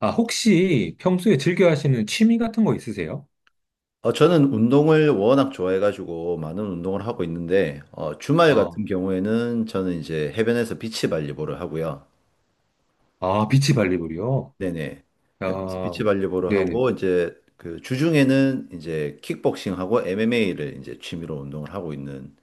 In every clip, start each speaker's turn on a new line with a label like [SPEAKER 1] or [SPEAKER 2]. [SPEAKER 1] 아, 혹시 평소에 즐겨 하시는 취미 같은 거 있으세요?
[SPEAKER 2] 저는 운동을 워낙 좋아해가지고 많은 운동을 하고 있는데, 주말 같은
[SPEAKER 1] 아,
[SPEAKER 2] 경우에는 저는 이제 해변에서 비치발리볼을 하고요.
[SPEAKER 1] 아, 비치 발리볼이요?
[SPEAKER 2] 네네.
[SPEAKER 1] 야,
[SPEAKER 2] 해변에서 비치발리볼을
[SPEAKER 1] 네네.
[SPEAKER 2] 하고, 이제 그 주중에는 이제 킥복싱하고 MMA를 이제 취미로 운동을 하고 있는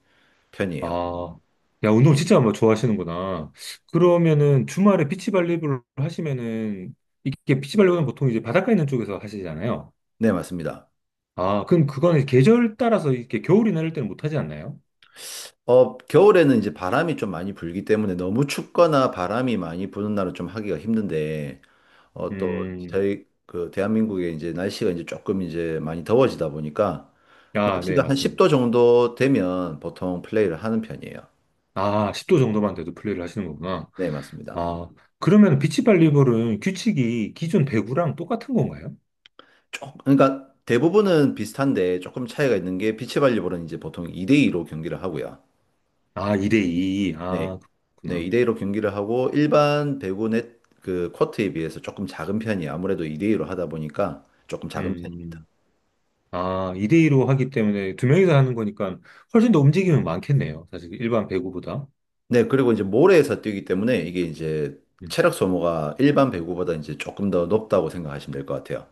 [SPEAKER 2] 편이에요.
[SPEAKER 1] 아, 야, 운동 진짜 뭐 좋아하시는구나. 그러면은 주말에 비치 발리볼 하시면은, 이게 비치 발리볼은 보통 이제 바닷가 있는 쪽에서 하시잖아요.
[SPEAKER 2] 네, 맞습니다.
[SPEAKER 1] 아, 그럼 그거는 계절 따라서 이렇게 겨울이나 이럴 때는 못 하지 않나요?
[SPEAKER 2] 겨울에는 이제 바람이 좀 많이 불기 때문에 너무 춥거나 바람이 많이 부는 날은 좀 하기가 힘든데, 또
[SPEAKER 1] 음,
[SPEAKER 2] 저희 그 대한민국의 이제 날씨가 이제 조금 이제 많이 더워지다 보니까
[SPEAKER 1] 아, 네,
[SPEAKER 2] 날씨가 한
[SPEAKER 1] 맞습니다.
[SPEAKER 2] 10도 정도 되면 보통 플레이를 하는 편이에요.
[SPEAKER 1] 아, 10도 정도만 돼도 플레이를 하시는 거구나.
[SPEAKER 2] 네, 맞습니다.
[SPEAKER 1] 아, 그러면 비치 발리볼은 규칙이 기존 배구랑 똑같은 건가요?
[SPEAKER 2] 그러니까 대부분은 비슷한데 조금 차이가 있는 게 비치발리볼은 이제 보통 2대2로 경기를 하고요.
[SPEAKER 1] 아, 2대 2.
[SPEAKER 2] 네,
[SPEAKER 1] 아,
[SPEAKER 2] 네,
[SPEAKER 1] 그렇구나.
[SPEAKER 2] 2대2로 경기를 하고 일반 배구 넷, 그 코트에 비해서 조금 작은 편이에요. 아무래도 2대2로 하다 보니까 조금 작은 편입니다.
[SPEAKER 1] 음. 아, 2대 2로 하기 때문에 두 명이서 하는 거니까 훨씬 더 움직임은 많겠네요. 사실 일반 배구보다.
[SPEAKER 2] 네, 그리고 이제 모래에서 뛰기 때문에 이게 이제
[SPEAKER 1] 음.
[SPEAKER 2] 체력 소모가 일반 배구보다 이제 조금 더 높다고 생각하시면 될 것 같아요.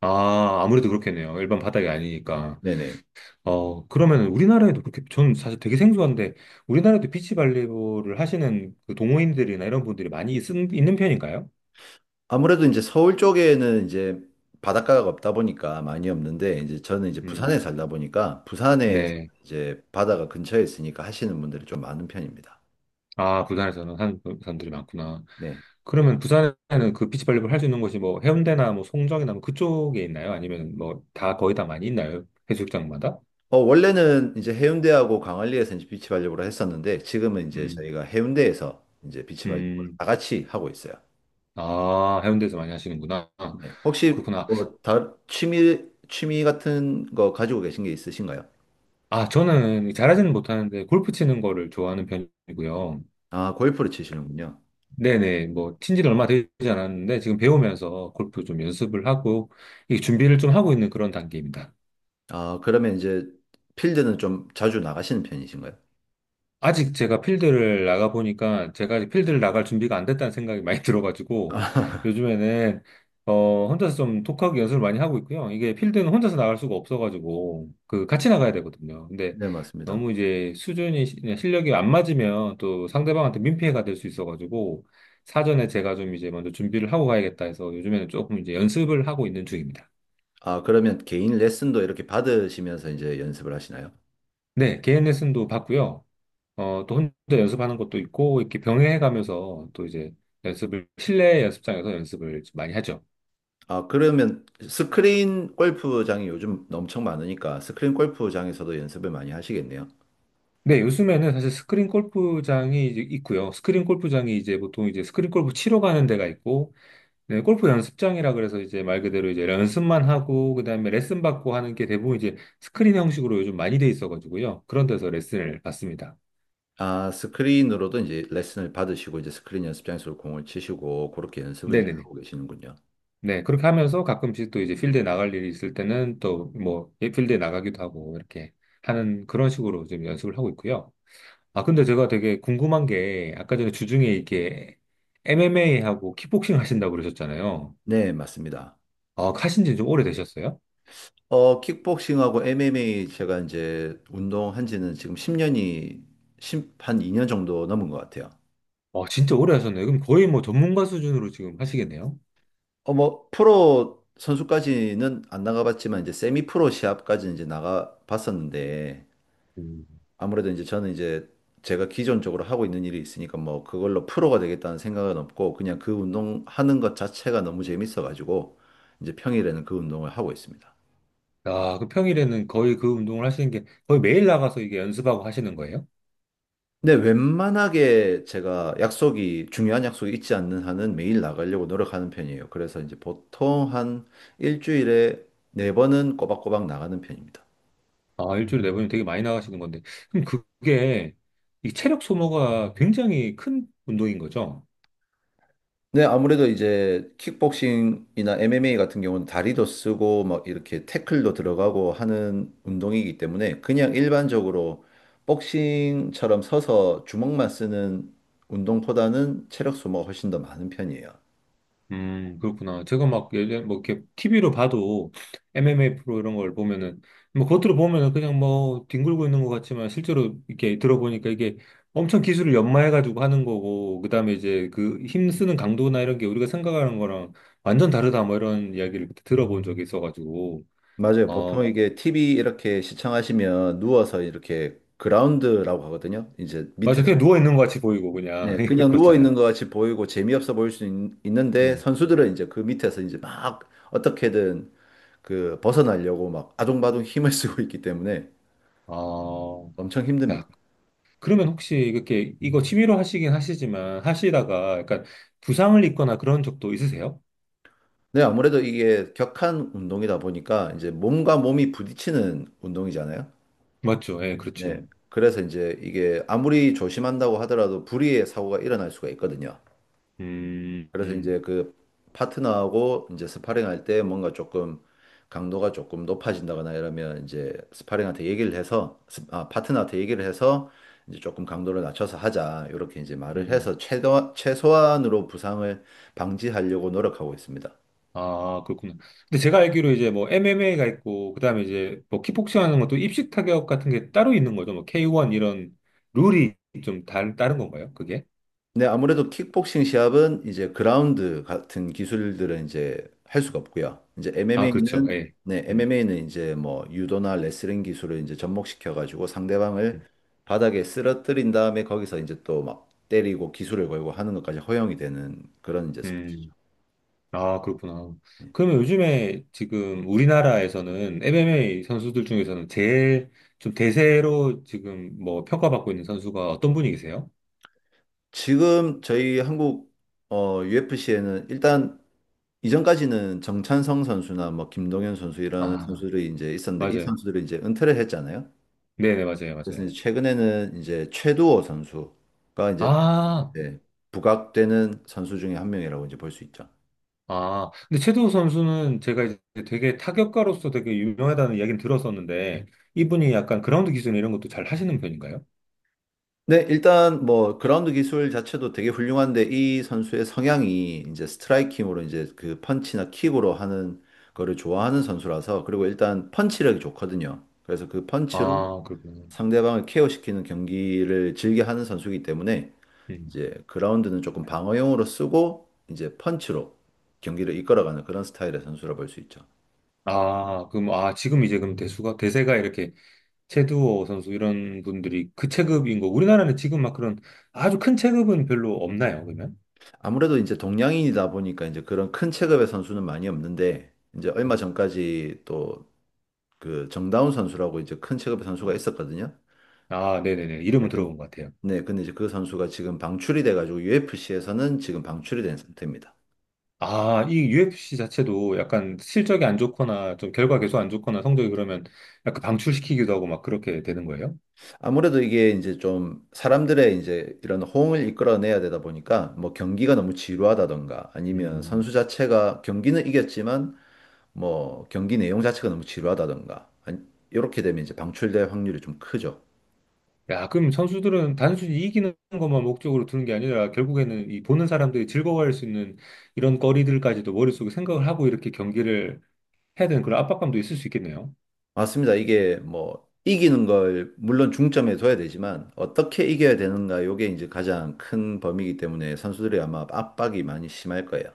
[SPEAKER 1] 아, 아무래도 그렇겠네요. 일반 바닥이 아니니까.
[SPEAKER 2] 네네.
[SPEAKER 1] 어, 그러면 우리나라에도 그렇게, 저는 사실 되게 생소한데, 우리나라에도 비치발리볼을 하시는 그 동호인들이나 이런 분들이 많이 있는 편인가요?
[SPEAKER 2] 아무래도 이제 서울 쪽에는 이제 바닷가가 없다 보니까 많이 없는데 이제 저는 이제 부산에
[SPEAKER 1] 음,
[SPEAKER 2] 살다 보니까 부산에
[SPEAKER 1] 네.
[SPEAKER 2] 이제 바다가 근처에 있으니까 하시는 분들이 좀 많은 편입니다.
[SPEAKER 1] 아, 부산에서는 하는 사람들이 많구나.
[SPEAKER 2] 네.
[SPEAKER 1] 그러면 부산에는 그 비치발리볼 할 수 있는 곳이 뭐 해운대나 뭐 송정이나 뭐 그쪽에 있나요? 아니면 뭐 다 거의 다 많이 있나요? 해수욕장마다?
[SPEAKER 2] 원래는 이제 해운대하고 강안리에서 이제 비치 발리볼을 했었는데 지금은 이제
[SPEAKER 1] 음,
[SPEAKER 2] 저희가 해운대에서 이제 비치 발리볼을
[SPEAKER 1] 음,
[SPEAKER 2] 다 같이 하고 있어요.
[SPEAKER 1] 아, 해운대에서 많이 하시는구나.
[SPEAKER 2] 네. 혹시
[SPEAKER 1] 그렇구나.
[SPEAKER 2] 뭐 취미 같은 거 가지고 계신 게 있으신가요?
[SPEAKER 1] 아, 저는 잘하지는 못하는데 골프 치는 거를 좋아하는 편이고요.
[SPEAKER 2] 아, 골프를 치시는군요.
[SPEAKER 1] 네네, 뭐, 친지 는 얼마 되지 않았는데 지금 배우면서 골프 좀 연습을 하고, 이 준비를 좀 하고 있는 그런 단계입니다.
[SPEAKER 2] 아, 그러면 이제 필드는 좀 자주 나가시는 편이신가요?
[SPEAKER 1] 아직 제가 필드를 나가보니까 제가 아직 필드를 나갈 준비가 안 됐다는 생각이 많이 들어가지고 요즘에는 어, 혼자서 좀 독학 연습을 많이 하고 있고요. 이게 필드는 혼자서 나갈 수가 없어가지고 그 같이 나가야 되거든요. 근데
[SPEAKER 2] 네, 맞습니다.
[SPEAKER 1] 너무 이제 수준이 실력이 안 맞으면 또 상대방한테 민폐가 될 수 있어가지고 사전에 제가 좀 이제 먼저 준비를 하고 가야겠다 해서 요즘에는 조금 이제 연습을 하고 있는 중입니다.
[SPEAKER 2] 아, 그러면 개인 레슨도 이렇게 받으시면서 이제 연습을 하시나요?
[SPEAKER 1] 네, 개인 레슨도 받고요. 어, 또 혼자 연습하는 것도 있고, 이렇게 병행해가면서 또 이제 연습을, 실내 연습장에서 연습을 좀 많이 하죠.
[SPEAKER 2] 아, 그러면 스크린 골프장이 요즘 엄청 많으니까 스크린 골프장에서도 연습을 많이 하시겠네요.
[SPEAKER 1] 네, 요즘에는 사실 스크린 골프장이 이제 있고요. 스크린 골프장이 이제 보통 이제 스크린 골프 치러 가는 데가 있고, 네, 골프 연습장이라 그래서 이제 말 그대로 이제 연습만 하고, 그다음에 레슨 받고 하는 게 대부분 이제 스크린 형식으로 요즘 많이 돼 있어가지고요. 그런 데서 레슨을 받습니다.
[SPEAKER 2] 아, 스크린으로도 이제 레슨을 받으시고 이제 스크린 연습장에서 공을 치시고 그렇게 연습을 이제
[SPEAKER 1] 네네네.
[SPEAKER 2] 하고 계시는군요.
[SPEAKER 1] 네, 그렇게 하면서 가끔씩 또 이제 필드에 나갈 일이 있을 때는 또 뭐, 예, 필드에 나가기도 하고, 이렇게 하는 그런 식으로 지금 연습을 하고 있고요. 아, 근데 제가 되게 궁금한 게, 아까 전에 주중에 이렇게 MMA하고 킥복싱 하신다고 그러셨잖아요.
[SPEAKER 2] 네, 맞습니다.
[SPEAKER 1] 아, 하신 지 좀 오래되셨어요?
[SPEAKER 2] 킥복싱하고 MMA 제가 이제 운동한 지는 지금 10년이, 한 2년 정도 넘은 것 같아요.
[SPEAKER 1] 아, 진짜 오래 하셨네요. 그럼 거의 뭐 전문가 수준으로 지금 하시겠네요?
[SPEAKER 2] 뭐, 프로 선수까지는 안 나가봤지만, 이제 세미 프로 시합까지는 이제 나가봤었는데,
[SPEAKER 1] 음.
[SPEAKER 2] 아무래도 이제 저는 이제 제가 기존적으로 하고 있는 일이 있으니까 뭐, 그걸로 프로가 되겠다는 생각은 없고, 그냥 그 운동하는 것 자체가 너무 재밌어가지고, 이제 평일에는 그 운동을 하고 있습니다.
[SPEAKER 1] 아, 그 평일에는 거의 그 운동을 하시는 게 거의 매일 나가서 이게 연습하고 하시는 거예요?
[SPEAKER 2] 근데 웬만하게 제가 약속이, 중요한 약속이 있지 않는 한은 매일 나가려고 노력하는 편이에요. 그래서 이제 보통 한 일주일에 네 번은 꼬박꼬박 나가는 편입니다.
[SPEAKER 1] 아, 일주일에 네 번이면 되게 많이 나가시는 건데. 그럼 그게 이 체력 소모가 굉장히 큰 운동인 거죠?
[SPEAKER 2] 네, 아무래도 이제 킥복싱이나 MMA 같은 경우는 다리도 쓰고 막 이렇게 태클도 들어가고 하는 운동이기 때문에 그냥 일반적으로 복싱처럼 서서 주먹만 쓰는 운동보다는 체력 소모가 훨씬 더 많은 편이에요.
[SPEAKER 1] 그렇구나. 제가 막 예전 뭐 이렇게 TV로 봐도 MMA 프로 이런 걸 보면은 뭐 겉으로 보면은 그냥 뭐 뒹굴고 있는 것 같지만 실제로 이렇게 들어보니까 이게 엄청 기술을 연마해가지고 하는 거고 그다음에 이제 그 힘쓰는 강도나 이런 게 우리가 생각하는 거랑 완전 다르다 뭐 이런 이야기를 그때 들어본 적이 있어가지고
[SPEAKER 2] 맞아요. 보통
[SPEAKER 1] 어
[SPEAKER 2] 이게 TV 이렇게 시청하시면 누워서 이렇게 그라운드라고 하거든요. 이제
[SPEAKER 1] 맞아
[SPEAKER 2] 밑에서.
[SPEAKER 1] 그냥 누워 있는 것 같이 보이고 그냥
[SPEAKER 2] 네,
[SPEAKER 1] 이렇
[SPEAKER 2] 그냥 누워
[SPEAKER 1] 그렇잖아요.
[SPEAKER 2] 있는 것 같이 보이고 재미없어 보일 수 는데
[SPEAKER 1] 음.
[SPEAKER 2] 선수들은 이제 그 밑에서 이제 막 어떻게든 그 벗어나려고 막 아둥바둥 힘을 쓰고 있기 때문에
[SPEAKER 1] 어,
[SPEAKER 2] 엄청 힘듭니다.
[SPEAKER 1] 야, 그러면 혹시 이렇게 이거 취미로 하시긴 하시지만 하시다가 약간 부상을 입거나 그런 적도 있으세요?
[SPEAKER 2] 네, 아무래도 이게 격한 운동이다 보니까 이제 몸과 몸이 부딪히는 운동이잖아요.
[SPEAKER 1] 맞죠? 예,
[SPEAKER 2] 네.
[SPEAKER 1] 그렇죠.
[SPEAKER 2] 그래서 이제 이게 아무리 조심한다고 하더라도 불의의 사고가 일어날 수가 있거든요.
[SPEAKER 1] 음,
[SPEAKER 2] 그래서 이제
[SPEAKER 1] 음,
[SPEAKER 2] 그 파트너하고 이제 스파링할 때 뭔가 조금 강도가 조금 높아진다거나 이러면 이제 스파링한테 얘기를 해서 아, 파트너한테 얘기를 해서 이제 조금 강도를 낮춰서 하자 이렇게 이제 말을
[SPEAKER 1] 음.
[SPEAKER 2] 해서 최대 최소한으로 부상을 방지하려고 노력하고 있습니다.
[SPEAKER 1] 아, 그렇구나. 근데 제가 알기로 이제 뭐 MMA가 있고 그다음에 이제 뭐 킥복싱 하는 것도 입식 타격 같은 게 따로 있는 거죠. 뭐 K1 이런 룰이 좀 다른 건가요? 그게?
[SPEAKER 2] 네, 아무래도 킥복싱 시합은 이제 그라운드 같은 기술들은 이제 할 수가 없고요. 이제
[SPEAKER 1] 아, 그렇죠.
[SPEAKER 2] MMA는
[SPEAKER 1] 예.
[SPEAKER 2] 네,
[SPEAKER 1] 음,
[SPEAKER 2] MMA는 이제 뭐 유도나 레슬링 기술을 이제 접목시켜 가지고 상대방을
[SPEAKER 1] 음.
[SPEAKER 2] 바닥에 쓰러뜨린 다음에 거기서 이제 또 막 때리고 기술을 걸고 하는 것까지 허용이 되는 그런 이제 스포츠죠.
[SPEAKER 1] 음. 아, 그렇구나. 그러면 요즘에 지금 우리나라에서는 MMA 선수들 중에서는 제일 좀 대세로 지금 뭐 평가받고 있는 선수가 어떤 분이 계세요?
[SPEAKER 2] 지금 저희 한국 UFC에는 일단 이전까지는 정찬성 선수나 뭐 김동현 선수 이런
[SPEAKER 1] 아,
[SPEAKER 2] 선수들이 이제 있었는데 이
[SPEAKER 1] 맞아요.
[SPEAKER 2] 선수들이 이제 은퇴를 했잖아요.
[SPEAKER 1] 네네, 맞아요,
[SPEAKER 2] 그래서
[SPEAKER 1] 맞아요.
[SPEAKER 2] 이제 최근에는 이제 최두호 선수가 이제
[SPEAKER 1] 아,
[SPEAKER 2] 네, 부각되는 선수 중에 한 명이라고 이제 볼 수 있죠.
[SPEAKER 1] 아. 근데 최도우 선수는 제가 이제 되게 타격가로서 되게 유명하다는 이야기는 들었었는데, 이분이 약간 그라운드 기술 이런 것도 잘 하시는 편인가요?
[SPEAKER 2] 네, 일단 뭐 그라운드 기술 자체도 되게 훌륭한데 이 선수의 성향이 이제 스트라이킹으로 이제 그 펀치나 킥으로 하는 거를 좋아하는 선수라서 그리고 일단 펀치력이 좋거든요. 그래서 그 펀치로
[SPEAKER 1] 아, 그렇구나.
[SPEAKER 2] 상대방을 케어시키는 경기를 즐겨 하는 선수이기 때문에
[SPEAKER 1] 음.
[SPEAKER 2] 이제 그라운드는 조금 방어용으로 쓰고 이제 펀치로 경기를 이끌어가는 그런 스타일의 선수라 볼 수 있죠.
[SPEAKER 1] 아, 그럼, 아, 지금 이제 그럼 대세가 이렇게 최두호 선수 이런 분들이 그 체급인 거. 우리나라는 지금 막 그런 아주 큰 체급은 별로 없나요, 그러면?
[SPEAKER 2] 아무래도 이제 동양인이다 보니까 이제 그런 큰 체급의 선수는 많이 없는데 이제 얼마
[SPEAKER 1] 음.
[SPEAKER 2] 전까지 또 그 정다운 선수라고 이제 큰 체급의 선수가 있었거든요.
[SPEAKER 1] 아, 네네네.
[SPEAKER 2] 네,
[SPEAKER 1] 이름은 들어본 것 같아요.
[SPEAKER 2] 네, 근데 이제 그 선수가 지금 방출이 돼가지고 UFC에서는 지금 방출이 된 상태입니다.
[SPEAKER 1] 아, 이 UFC 자체도 약간 실적이 안 좋거나 좀 결과 계속 안 좋거나 성적이 그러면 약간 방출시키기도 하고 막 그렇게 되는 거예요?
[SPEAKER 2] 아무래도 이게 이제 좀 사람들의 이제 이런 호응을 이끌어내야 되다 보니까 뭐 경기가 너무 지루하다던가 아니면
[SPEAKER 1] 음,
[SPEAKER 2] 선수 자체가 경기는 이겼지만 뭐 경기 내용 자체가 너무 지루하다던가 아니, 이렇게 되면 이제 방출될 확률이 좀 크죠.
[SPEAKER 1] 야, 그럼 선수들은 단순히 이기는 것만 목적으로 두는 게 아니라 결국에는 이 보는 사람들이 즐거워할 수 있는 이런 거리들까지도 머릿속에 생각을 하고 이렇게 경기를 해야 되는 그런 압박감도 있을 수 있겠네요.
[SPEAKER 2] 맞습니다. 이게 뭐 이기는 걸 물론 중점에 둬야 되지만 어떻게 이겨야 되는가 요게 이제 가장 큰 범위이기 때문에 선수들이 아마 압박이 많이 심할 거예요.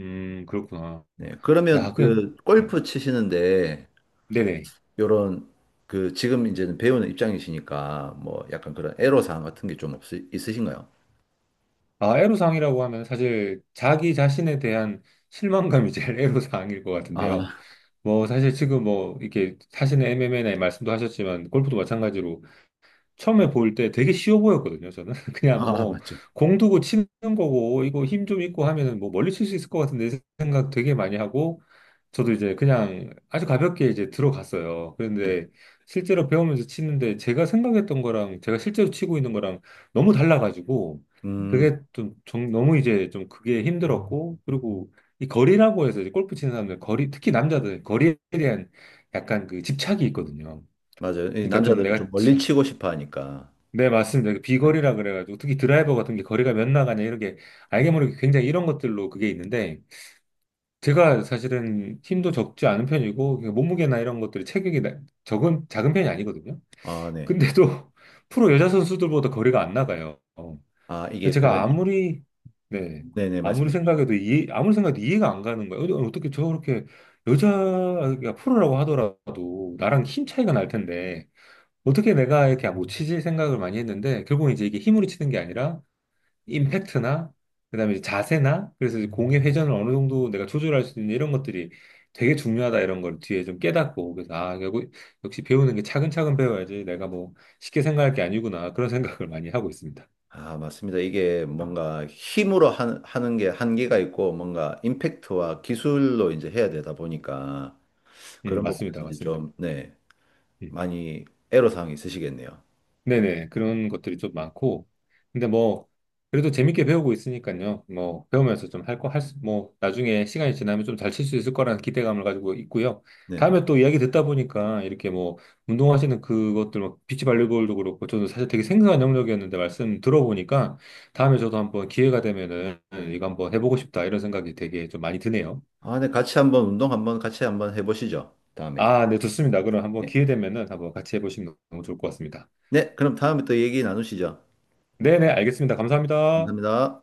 [SPEAKER 1] 그렇구나.
[SPEAKER 2] 네.
[SPEAKER 1] 야,
[SPEAKER 2] 그러면
[SPEAKER 1] 그냥,
[SPEAKER 2] 그
[SPEAKER 1] 음,
[SPEAKER 2] 골프 치시는데
[SPEAKER 1] 네네.
[SPEAKER 2] 요런 그 지금 이제는 배우는 입장이시니까 뭐 약간 그런 애로사항 같은 게 좀 없 있으신가요?
[SPEAKER 1] 아, 애로사항이라고 하면 사실 자기 자신에 대한 실망감이 제일 애로사항일 것
[SPEAKER 2] 아,
[SPEAKER 1] 같은데요. 뭐, 사실 지금 뭐, 이렇게 자신의 MMA나 말씀도 하셨지만, 골프도 마찬가지로 처음에 볼 때 되게 쉬워 보였거든요, 저는. 그냥
[SPEAKER 2] 아,
[SPEAKER 1] 뭐,
[SPEAKER 2] 맞죠.
[SPEAKER 1] 공 두고 치는 거고, 이거 힘 좀 있고 하면은 뭐 멀리 칠 수 있을 것 같은데 생각 되게 많이 하고, 저도 이제 그냥 아주 가볍게 이제 들어갔어요.
[SPEAKER 2] 네네.
[SPEAKER 1] 그런데 실제로 배우면서 치는데 제가 생각했던 거랑 제가 실제로 치고 있는 거랑 너무 달라가지고,
[SPEAKER 2] 음,
[SPEAKER 1] 그게 좀, 너무 이제 좀 그게 힘들었고, 그리고 이 거리라고 해서 이제 골프 치는 사람들, 거리, 특히 남자들, 거리에 대한 약간 그 집착이 있거든요.
[SPEAKER 2] 맞아요. 이
[SPEAKER 1] 그러니까 좀
[SPEAKER 2] 남자들은 좀
[SPEAKER 1] 내가
[SPEAKER 2] 멀리 치고 싶어 하니까.
[SPEAKER 1] 네, 맞습니다. 그 비거리라 그래가지고 특히 드라이버 같은 게 거리가 몇 나가냐 이렇게 알게 모르게 굉장히 이런 것들로 그게 있는데 제가 사실은 힘도 적지 않은 편이고 그냥 몸무게나 이런 것들이 체격이 나- 적은 작은 편이 아니거든요.
[SPEAKER 2] 아, 네.
[SPEAKER 1] 근데도 프로 여자 선수들보다 거리가 안 나가요. 어.
[SPEAKER 2] 아, 이게
[SPEAKER 1] 제가
[SPEAKER 2] 그런,
[SPEAKER 1] 아무리 네
[SPEAKER 2] 네네, 말씀하십시오.
[SPEAKER 1] 아무리 생각해도 이해가 안 가는 거예요. 어, 어떻게 저렇게 여자가 프로라고 하더라도 나랑 힘 차이가 날 텐데. 어떻게 내가 이렇게 못 치지 생각을 많이 했는데 결국 이제 이게 힘으로 치는 게 아니라 임팩트나 그다음에 이제 자세나 그래서 이제 공의 회전을 어느 정도 내가 조절할 수 있는 이런 것들이 되게 중요하다 이런 걸 뒤에 좀 깨닫고 그래서 아 결국 역시 배우는 게 차근차근 배워야지 내가 뭐 쉽게 생각할 게 아니구나 그런 생각을 많이 하고 있습니다.
[SPEAKER 2] 아, 맞습니다. 이게 뭔가 힘으로 하는 게 한계가 있고 뭔가 임팩트와 기술로 이제 해야 되다 보니까 그런
[SPEAKER 1] 맞습니다
[SPEAKER 2] 부분에서 이제
[SPEAKER 1] 맞습니다.
[SPEAKER 2] 좀, 네,
[SPEAKER 1] 음.
[SPEAKER 2] 많이 애로사항이 있으시겠네요.
[SPEAKER 1] 네네, 그런 것들이 좀 많고, 근데 뭐, 그래도 재밌게 배우고 있으니까요. 뭐, 배우면서 좀 할 거, 할 수, 뭐, 나중에 시간이 지나면 좀 잘 칠 수 있을 거라는 기대감을 가지고 있고요.
[SPEAKER 2] 네네.
[SPEAKER 1] 다음에 또 이야기 듣다 보니까, 이렇게 뭐, 운동하시는 그것들, 뭐, 비치 발리볼도 그렇고, 저도 사실 되게 생소한 영역이었는데, 말씀 들어보니까, 다음에 저도 한번 기회가 되면은, 이거 한번 해보고 싶다, 이런 생각이 되게 좀 많이 드네요.
[SPEAKER 2] 아, 네, 같이 한번 운동 한번 같이 한번 해보시죠. 다음에.
[SPEAKER 1] 아, 네, 좋습니다. 그럼 한번
[SPEAKER 2] 네.
[SPEAKER 1] 기회 되면은 한번 같이 해보시면 너무 좋을 것 같습니다.
[SPEAKER 2] 네, 그럼 다음에 또 얘기 나누시죠.
[SPEAKER 1] 네네, 알겠습니다. 감사합니다.
[SPEAKER 2] 감사합니다.